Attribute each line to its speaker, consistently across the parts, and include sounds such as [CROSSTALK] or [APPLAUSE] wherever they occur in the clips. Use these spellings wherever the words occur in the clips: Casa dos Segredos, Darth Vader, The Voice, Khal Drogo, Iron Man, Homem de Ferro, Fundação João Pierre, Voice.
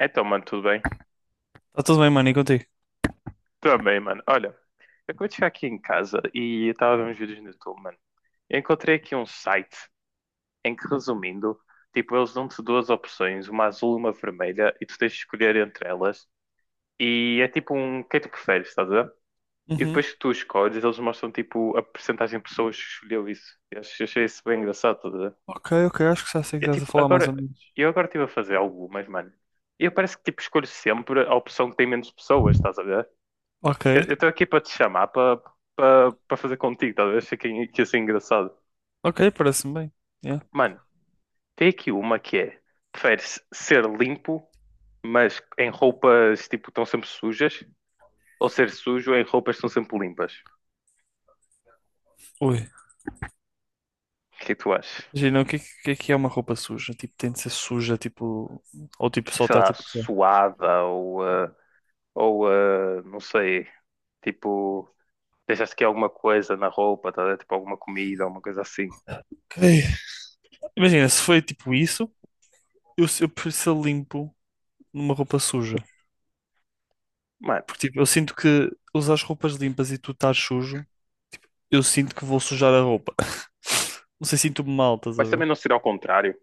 Speaker 1: Então, mano, tudo bem?
Speaker 2: Tá tudo bem, mano, e contigo?
Speaker 1: Também, mano. Olha, eu acabei de chegar aqui em casa e eu estava a ver uns vídeos no YouTube, mano. Eu encontrei aqui um site em que, resumindo, tipo, eles dão-te duas opções, uma azul e uma vermelha, e tu tens de escolher entre elas. E é tipo um, quem tu preferes, estás a ver? E
Speaker 2: Uhum.
Speaker 1: depois que tu escolhes, eles mostram, tipo, a percentagem de pessoas que escolheu isso. Achei isso bem engraçado, estás a ver?
Speaker 2: Ok, ok, acho que já sei o que
Speaker 1: Eu,
Speaker 2: estás a
Speaker 1: tipo,
Speaker 2: falar mais ou
Speaker 1: agora,
Speaker 2: menos.
Speaker 1: eu agora estive a fazer algumas, mano. E eu parece que, tipo, escolho sempre a opção que tem menos pessoas, estás a ver?
Speaker 2: Ok,
Speaker 1: Eu estou aqui para te chamar para para fazer contigo, talvez fique que assim engraçado.
Speaker 2: ok, parece-me bem. Yeah.
Speaker 1: Mano, tem aqui uma que é: preferes ser limpo, mas em roupas tipo estão sempre sujas, ou ser sujo em roupas que estão sempre limpas?
Speaker 2: Ui.
Speaker 1: O que é que tu achas?
Speaker 2: Imagina, o que, é que que é uma roupa suja? Tipo, tem de ser suja, tipo. Ou tipo, só
Speaker 1: Sei
Speaker 2: está
Speaker 1: lá,
Speaker 2: tipo. Só.
Speaker 1: suada ou, ou não sei, tipo, deixaste que alguma coisa na roupa, tá? a ver? Tipo alguma comida, alguma coisa assim.
Speaker 2: Ok. Imagina, se foi tipo isso, eu, eu prefiro ser limpo numa roupa suja.
Speaker 1: Mano,
Speaker 2: Porque tipo, eu sinto que usar as roupas limpas e tu estás sujo, eu sinto que vou sujar a roupa. [LAUGHS] Não sei, sinto-me mal, estás a
Speaker 1: mas também
Speaker 2: ver?
Speaker 1: não ser ao contrário.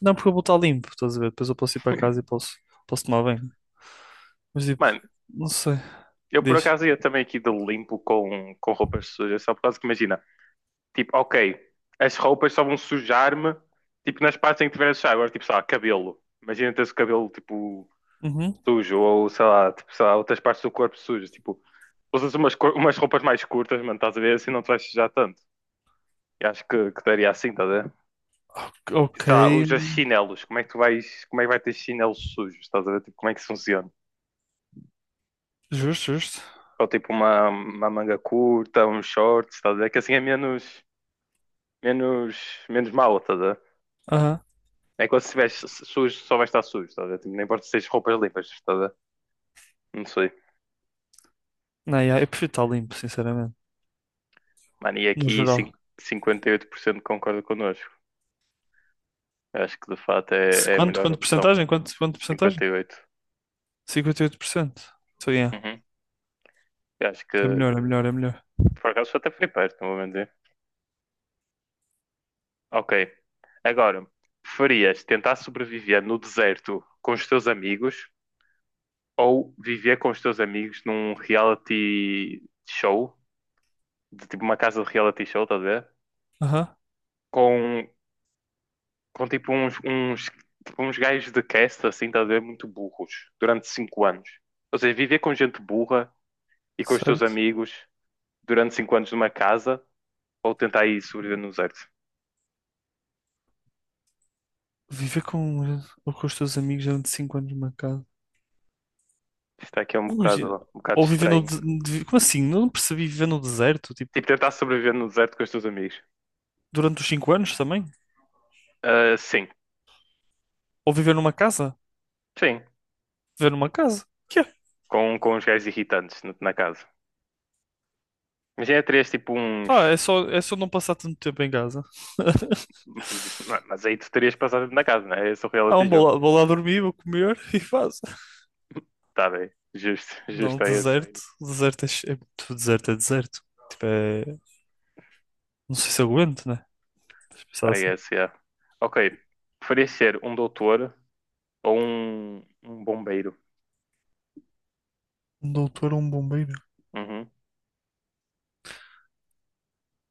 Speaker 2: Não, porque eu vou estar limpo, estás a ver? Depois eu posso ir para casa e posso, posso tomar banho. Mas tipo,
Speaker 1: Mano,
Speaker 2: não sei.
Speaker 1: eu por
Speaker 2: Diz.
Speaker 1: acaso ia também aqui de limpo com roupas sujas, só por causa que imagina, tipo, ok, as roupas só vão sujar-me, tipo, nas partes em que tiver a sujar, agora tipo, sei lá, cabelo. Imagina teres o cabelo, tipo,
Speaker 2: Uhum.
Speaker 1: sujo, ou sei lá, tipo, sei lá, outras partes do corpo sujas, tipo, usas umas, cor- umas roupas mais curtas, mano, estás a ver, assim não te vais sujar tanto. E acho que daria assim, estás a ver? E,
Speaker 2: Ok.
Speaker 1: sei lá, usas chinelos, como é que tu vais, como é que vai ter chinelos sujos, estás a ver? Tipo, como é que isso funciona?
Speaker 2: Justo, justo.
Speaker 1: Ou tipo uma manga curta, uns shorts, estás a ver? Que assim é menos menos, menos mal, estás a ver?
Speaker 2: Aham.
Speaker 1: É quando se estiveres sujo, só vai estar sujo, estás a ver? Tipo, nem importa se tens roupas limpas, estás a ver? Não sei.
Speaker 2: Não, yeah, eu prefiro estar limpo, sinceramente.
Speaker 1: Mano, e
Speaker 2: No
Speaker 1: aqui
Speaker 2: geral.
Speaker 1: 58% concorda connosco. Eu acho que de fato é, é a
Speaker 2: Quanto,
Speaker 1: melhor
Speaker 2: quanto
Speaker 1: opção.
Speaker 2: porcentagem? Quanto, quanto porcentagem?
Speaker 1: 58%.
Speaker 2: 58%. Então, yeah.
Speaker 1: Uhum. Eu acho
Speaker 2: É
Speaker 1: que
Speaker 2: melhor, é melhor, é melhor.
Speaker 1: por acaso até foi perto, não vou mentir. Ok. Agora, preferias tentar sobreviver no deserto com os teus amigos ou viver com os teus amigos num reality show, de tipo uma casa de reality show, estás a ver?
Speaker 2: Aham.
Speaker 1: Com com tipo uns, uns, tipo, uns gajos de cast, assim, estás a ver, muito burros, durante cinco anos. Ou seja, viver com gente burra e com os teus
Speaker 2: Certo.
Speaker 1: amigos durante cinco anos numa casa, ou tentar aí sobreviver no deserto.
Speaker 2: Viver com, ou com os teus amigos durante 5 anos numa casa.
Speaker 1: Isto aqui é
Speaker 2: Imagina.
Speaker 1: um bocado
Speaker 2: Ou viver no.
Speaker 1: estranho.
Speaker 2: Como assim? Não percebi viver no deserto, tipo,
Speaker 1: Tipo, tentar sobreviver no deserto com os teus amigos.
Speaker 2: durante os 5 anos também?
Speaker 1: Ah, sim,
Speaker 2: Ou viver numa casa?
Speaker 1: sim.
Speaker 2: Viver numa casa? Que é?
Speaker 1: Com os gajos irritantes na, na casa. Mas já terias tipo
Speaker 2: Pá,
Speaker 1: uns.
Speaker 2: é só não passar tanto tempo em casa. [LAUGHS]
Speaker 1: Mas aí tu terias passado na casa, não é? Esse é o reality
Speaker 2: Não,
Speaker 1: jogo.
Speaker 2: vou lá dormir, vou comer [LAUGHS] e faço.
Speaker 1: Tá bem. Justo, [LAUGHS]
Speaker 2: Não,
Speaker 1: justo é esse.
Speaker 2: deserto. Deserto é, é muito deserto, é deserto. Tipo, é... Não sei se aguento, né? Se pensar
Speaker 1: Ah,
Speaker 2: assim.
Speaker 1: yes, yeah. Ok. Preferias ser um doutor ou um bombeiro?
Speaker 2: Um doutor ou um bombeiro?
Speaker 1: Uhum.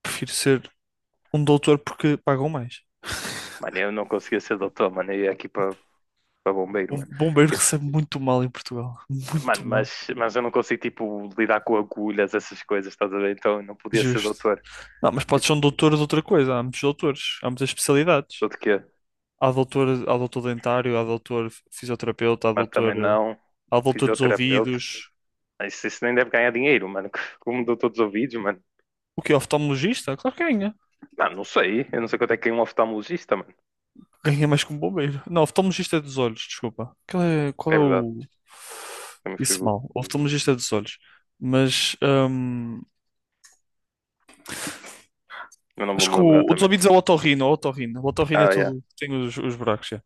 Speaker 2: Prefiro ser um doutor porque pagam mais.
Speaker 1: Mano, eu não conseguia ser doutor, mano. Eu ia aqui para bombeiro,
Speaker 2: Um
Speaker 1: mano.
Speaker 2: bombeiro [LAUGHS]
Speaker 1: Eu-
Speaker 2: recebe muito mal em Portugal. Muito
Speaker 1: mano,
Speaker 2: mal.
Speaker 1: mas eu não consigo, tipo, lidar com agulhas, essas coisas, estás a ver? Então eu não podia ser
Speaker 2: Justo.
Speaker 1: doutor.
Speaker 2: Não, mas pode
Speaker 1: Tipo,
Speaker 2: ser um doutor de outra coisa. Há muitos doutores, há muitas especialidades.
Speaker 1: tudo que
Speaker 2: Há doutor dentário, há doutor fisioterapeuta,
Speaker 1: mas também não.
Speaker 2: há doutor dos
Speaker 1: Fisioterapeuta.
Speaker 2: ouvidos.
Speaker 1: Mas isso nem deve ganhar dinheiro, mano. [LAUGHS] Como doutor dos ouvidos, mano.
Speaker 2: O que oftalmologista? Claro que ganha.
Speaker 1: Mano, não sei. Eu não sei quanto é que é um oftalmologista, mano.
Speaker 2: Ganhei mais que um bombeiro. Não, oftalmologista é dos olhos, desculpa. Qual
Speaker 1: É
Speaker 2: é
Speaker 1: verdade.
Speaker 2: o.
Speaker 1: Eu me
Speaker 2: Disse
Speaker 1: figuro.
Speaker 2: mal. Oftalmologista é dos olhos. Mas
Speaker 1: Eu não vou
Speaker 2: acho
Speaker 1: me
Speaker 2: que
Speaker 1: lembrar
Speaker 2: o dos
Speaker 1: também.
Speaker 2: ouvidos é o otorrino, é o otorrino. O otorrino é
Speaker 1: Ah, yeah.
Speaker 2: tudo, tem os buracos. Já.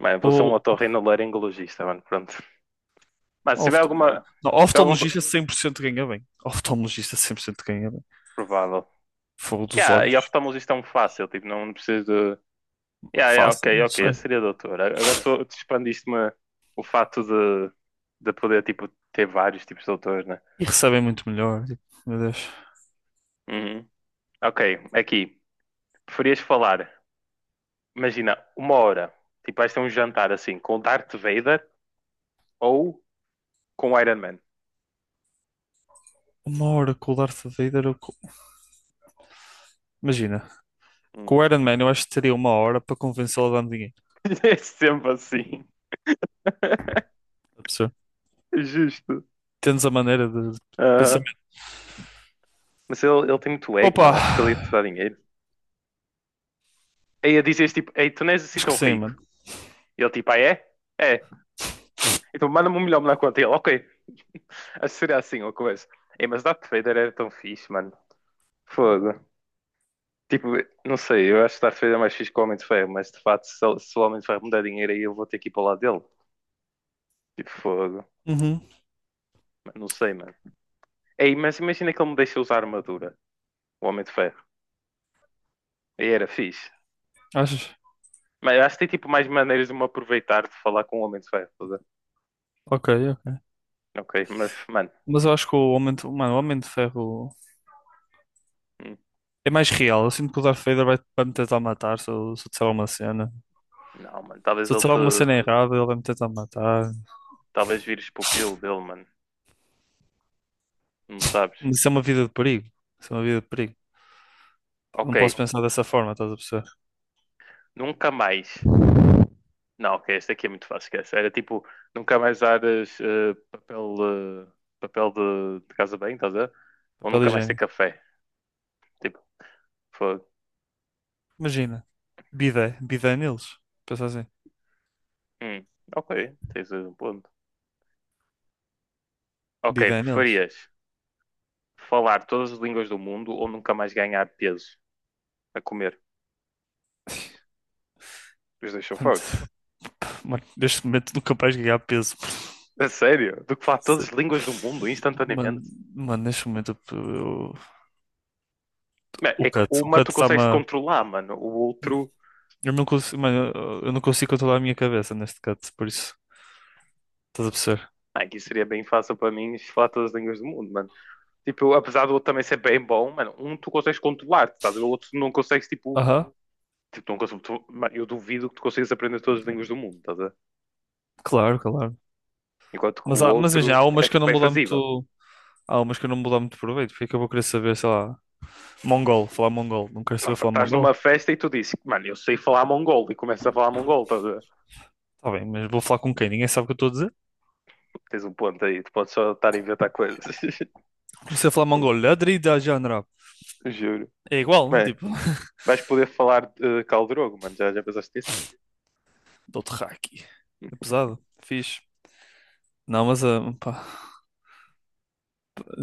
Speaker 1: Mano, vou ser um
Speaker 2: O,
Speaker 1: otorrinolaringologista, mano, pronto. Mas
Speaker 2: o
Speaker 1: se tiver
Speaker 2: oftal-
Speaker 1: alguma...
Speaker 2: não,
Speaker 1: Se tiver algum... do-
Speaker 2: oftalmologista 100% ganha bem. Oftalmologista 100% ganha bem.
Speaker 1: Provável.
Speaker 2: Fogo dos
Speaker 1: Yeah, e
Speaker 2: olhos,
Speaker 1: oftalmologista é um fácil, tipo, não, não preciso de... Yeah, yeah,
Speaker 2: fácil,
Speaker 1: ok,
Speaker 2: não
Speaker 1: ok, eu
Speaker 2: sei.
Speaker 1: seria doutor. A- Agora tu, tu expandiste-me o fato de poder, tipo, ter vários tipos de doutores, né?
Speaker 2: E recebem muito melhor. Tipo, meu Deus.
Speaker 1: Uhum. Ok, aqui. Preferias falar, imagina, uma hora. Tipo, vais ter um jantar, assim, com o Darth Vader ou com o Iron Man?
Speaker 2: Uma hora com o Darth Vader. Imagina,
Speaker 1: Hum.
Speaker 2: com o Iron Man eu acho que teria uma hora para convencê-lo a dar-me dinheiro.
Speaker 1: [LAUGHS] É sempre assim.
Speaker 2: tá
Speaker 1: [LAUGHS] Justo.
Speaker 2: Tens a maneira de pensamento.
Speaker 1: Mas ele tem muito ego,
Speaker 2: Opa,
Speaker 1: mano. Acho que ele ia te dar dinheiro. Aí a dizias tipo, ei, tu não és assim
Speaker 2: acho que
Speaker 1: tão
Speaker 2: sim,
Speaker 1: rico.
Speaker 2: mano.
Speaker 1: E ele tipo, ah, é? É. Então manda-me um milhão na conta. E ele, ok. [LAUGHS] Acho que seria assim uma coisa. Ei, mas Darth Vader era tão fixe, mano. Fogo. Tipo, não sei, eu acho que Darth Vader é mais fixe que o Homem de Ferro, mas de facto, se, ele- se o Homem de Ferro me der dinheiro aí, eu vou ter que ir para o lado dele. Tipo, fogo.
Speaker 2: Uhum.
Speaker 1: Mano, não sei, mano. Ei, mas imagina que ele me deixa usar armadura, o Homem de Ferro. Aí era fixe.
Speaker 2: Achas?
Speaker 1: Mas acho que tem tipo mais maneiras de me aproveitar de falar com o Homem de Ferro. Tá a ver?
Speaker 2: Ok, ok.
Speaker 1: Ok, mas, mano,
Speaker 2: Mas eu acho que o mano, o Homem de Ferro é mais real. Eu sinto que o Darth Vader vai, vai me tentar matar se eu disser alguma cena.
Speaker 1: não, mano,
Speaker 2: Se
Speaker 1: talvez
Speaker 2: eu
Speaker 1: ele
Speaker 2: disser alguma
Speaker 1: te.
Speaker 2: cena errada, ele vai me tentar matar.
Speaker 1: Talvez vires pupilo dele, mano. Não sabes.
Speaker 2: Mas isso é uma vida de perigo. Isso é uma vida de perigo. Não
Speaker 1: Ok,
Speaker 2: posso pensar dessa forma, estás a perceber?
Speaker 1: nunca mais. Não, ok, esta aqui é muito fácil, esquece. Era tipo, nunca mais usares papel, eh, papel de casa bem, estás a ver? Ou
Speaker 2: Papel
Speaker 1: nunca mais ter
Speaker 2: higiênico.
Speaker 1: café. Tipo, fogo.
Speaker 2: Imagina. Bidé. Bidé neles. Pensa assim.
Speaker 1: Hum, ok, tens um ponto. Ok,
Speaker 2: Bidé neles.
Speaker 1: preferias falar todas as línguas do mundo ou nunca mais ganhar peso a comer? Os dois são
Speaker 2: Mano,
Speaker 1: fortes.
Speaker 2: [LAUGHS] mano, neste momento nunca vais ganhar peso. [LAUGHS]
Speaker 1: A sério? Do que falar todas
Speaker 2: Sim.
Speaker 1: as línguas do mundo
Speaker 2: Mano,
Speaker 1: instantaneamente?
Speaker 2: mano, neste momento
Speaker 1: É que
Speaker 2: o
Speaker 1: uma
Speaker 2: cut
Speaker 1: tu
Speaker 2: está-me
Speaker 1: consegues
Speaker 2: a.
Speaker 1: controlar, mano. O outro.
Speaker 2: Eu não consigo, mano, eu não consigo controlar a minha cabeça neste cut, por isso. Estás a perceber?
Speaker 1: Ah, aqui seria bem fácil para mim falar todas as línguas do mundo, mano. Tipo, apesar do outro também ser bem bom, mano, um tu consegues controlar, estás o outro tu não consegues, tipo,
Speaker 2: Aham,
Speaker 1: tipo não consegues, tu, mano, eu duvido que tu consigas aprender todas as línguas do mundo, estás
Speaker 2: claro, claro.
Speaker 1: enquanto que o
Speaker 2: Mas, há, mas imagina,
Speaker 1: outro
Speaker 2: há
Speaker 1: é,
Speaker 2: umas que eu não
Speaker 1: é
Speaker 2: vou dar
Speaker 1: fazível.
Speaker 2: muito. Há umas que eu não vou dar muito proveito, porque é que eu vou querer saber, sei lá, mongol, falar mongol. Não quero
Speaker 1: Não,
Speaker 2: saber
Speaker 1: pá,
Speaker 2: falar
Speaker 1: estás
Speaker 2: mongol.
Speaker 1: numa festa e tu dizes, mano, eu sei falar mongol e começas a falar mongol, estás
Speaker 2: Tá bem, mas vou falar com quem? Ninguém sabe o que eu estou a dizer.
Speaker 1: tens um ponto aí, tu podes só estar a inventar coisas, [LAUGHS]
Speaker 2: Comecei a falar mongol, Ladri da Janra.
Speaker 1: juro.
Speaker 2: É igual,
Speaker 1: Bem,
Speaker 2: tipo, [LAUGHS]
Speaker 1: vais poder falar de Khal Drogo, mano, já, já pensaste nisso?
Speaker 2: dou-te haki. É pesado, fixe. Não, mas pá,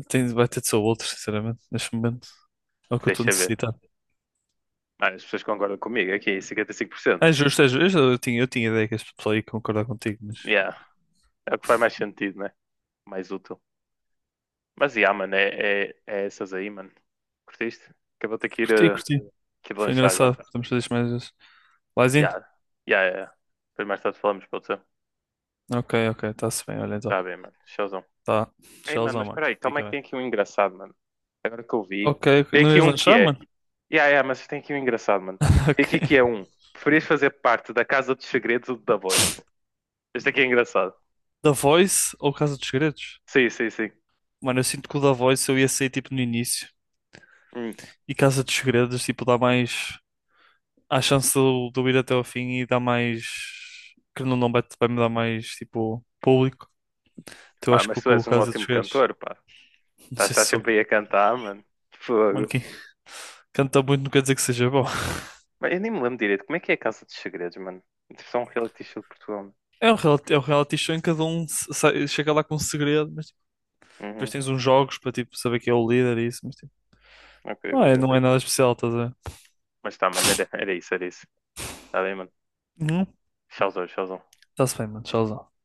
Speaker 2: tem, vai ter de ser outro, sinceramente, neste momento. É o que eu estou
Speaker 1: Deixa ver.
Speaker 2: necessitado.
Speaker 1: Ah, as pessoas concordam comigo. Aqui, 55%.
Speaker 2: É justo, é justo. Eu tinha ideia que este pessoal ia concordar contigo, mas
Speaker 1: Yeah. É o que faz mais sentido, né? Mais útil. Mas, yeah, mano, é, é, é essas aí, mano. Curtiste? Que eu vou ter
Speaker 2: curti, curti.
Speaker 1: que ir
Speaker 2: Foi
Speaker 1: lanchar
Speaker 2: engraçado.
Speaker 1: agora.
Speaker 2: Podemos fazer isto mais vezes. Laizinho?
Speaker 1: Yeah. Yeah, yeah. Yeah. Depois mais tarde falamos, pode ser?
Speaker 2: Ok, ok, está-se bem, olha então.
Speaker 1: Tá bem, mano. Showzão.
Speaker 2: Tá.
Speaker 1: Ei, mano,
Speaker 2: Tchauzão,
Speaker 1: mas
Speaker 2: mano.
Speaker 1: espera aí. Calma é
Speaker 2: Fica
Speaker 1: que
Speaker 2: bem.
Speaker 1: tem aqui um engraçado, mano. Agora que eu vi.
Speaker 2: Ok, ok.
Speaker 1: Tem
Speaker 2: Não
Speaker 1: aqui
Speaker 2: ias
Speaker 1: um que
Speaker 2: lanchar,
Speaker 1: é.
Speaker 2: mano?
Speaker 1: Yeah, yeah, mas tem aqui um engraçado, mano.
Speaker 2: [LAUGHS]
Speaker 1: Tem aqui que
Speaker 2: Ok.
Speaker 1: é um. Preferias fazer parte da Casa dos Segredos ou da Voice? Este aqui é engraçado.
Speaker 2: The Voice ou Casa dos Segredos?
Speaker 1: Sim, sim, sim.
Speaker 2: Mano, eu sinto que o The Voice eu ia sair tipo no início
Speaker 1: Hum.
Speaker 2: e Casa dos Segredos, tipo, dá mais. Há chance de eu ir até ao fim e dá mais. Que não, não vai, vai me dar mais, tipo, público. Então eu
Speaker 1: Mano,
Speaker 2: acho que
Speaker 1: mas
Speaker 2: vou
Speaker 1: tu
Speaker 2: com o
Speaker 1: és um
Speaker 2: Casa dos
Speaker 1: ótimo
Speaker 2: Segredos.
Speaker 1: cantor, pá.
Speaker 2: Não
Speaker 1: Estás,
Speaker 2: sei se
Speaker 1: estás
Speaker 2: sou.
Speaker 1: sempre aí a cantar, mano.
Speaker 2: Mano,
Speaker 1: Fogo.
Speaker 2: quem canta muito não quer dizer que seja bom.
Speaker 1: Mas eu nem me lembro direito. Como é que é a Casa dos Segredos, mano? Tipo, só um reality show de Portugal, mano.
Speaker 2: É um reality show em que cada um chega lá com um segredo, mas tipo, depois
Speaker 1: Uhum.
Speaker 2: tens uns jogos para tipo, saber quem é o líder e isso, mas tipo,
Speaker 1: Ok,
Speaker 2: não
Speaker 1: vou
Speaker 2: é, não é
Speaker 1: entender.
Speaker 2: nada especial, estás a ver?
Speaker 1: Mas tá, mano, era, era isso, era isso. Tá bem, mano.
Speaker 2: Uhum.
Speaker 1: Tchauzão, tchauzão.
Speaker 2: Está-se bem, mano, tchauzão.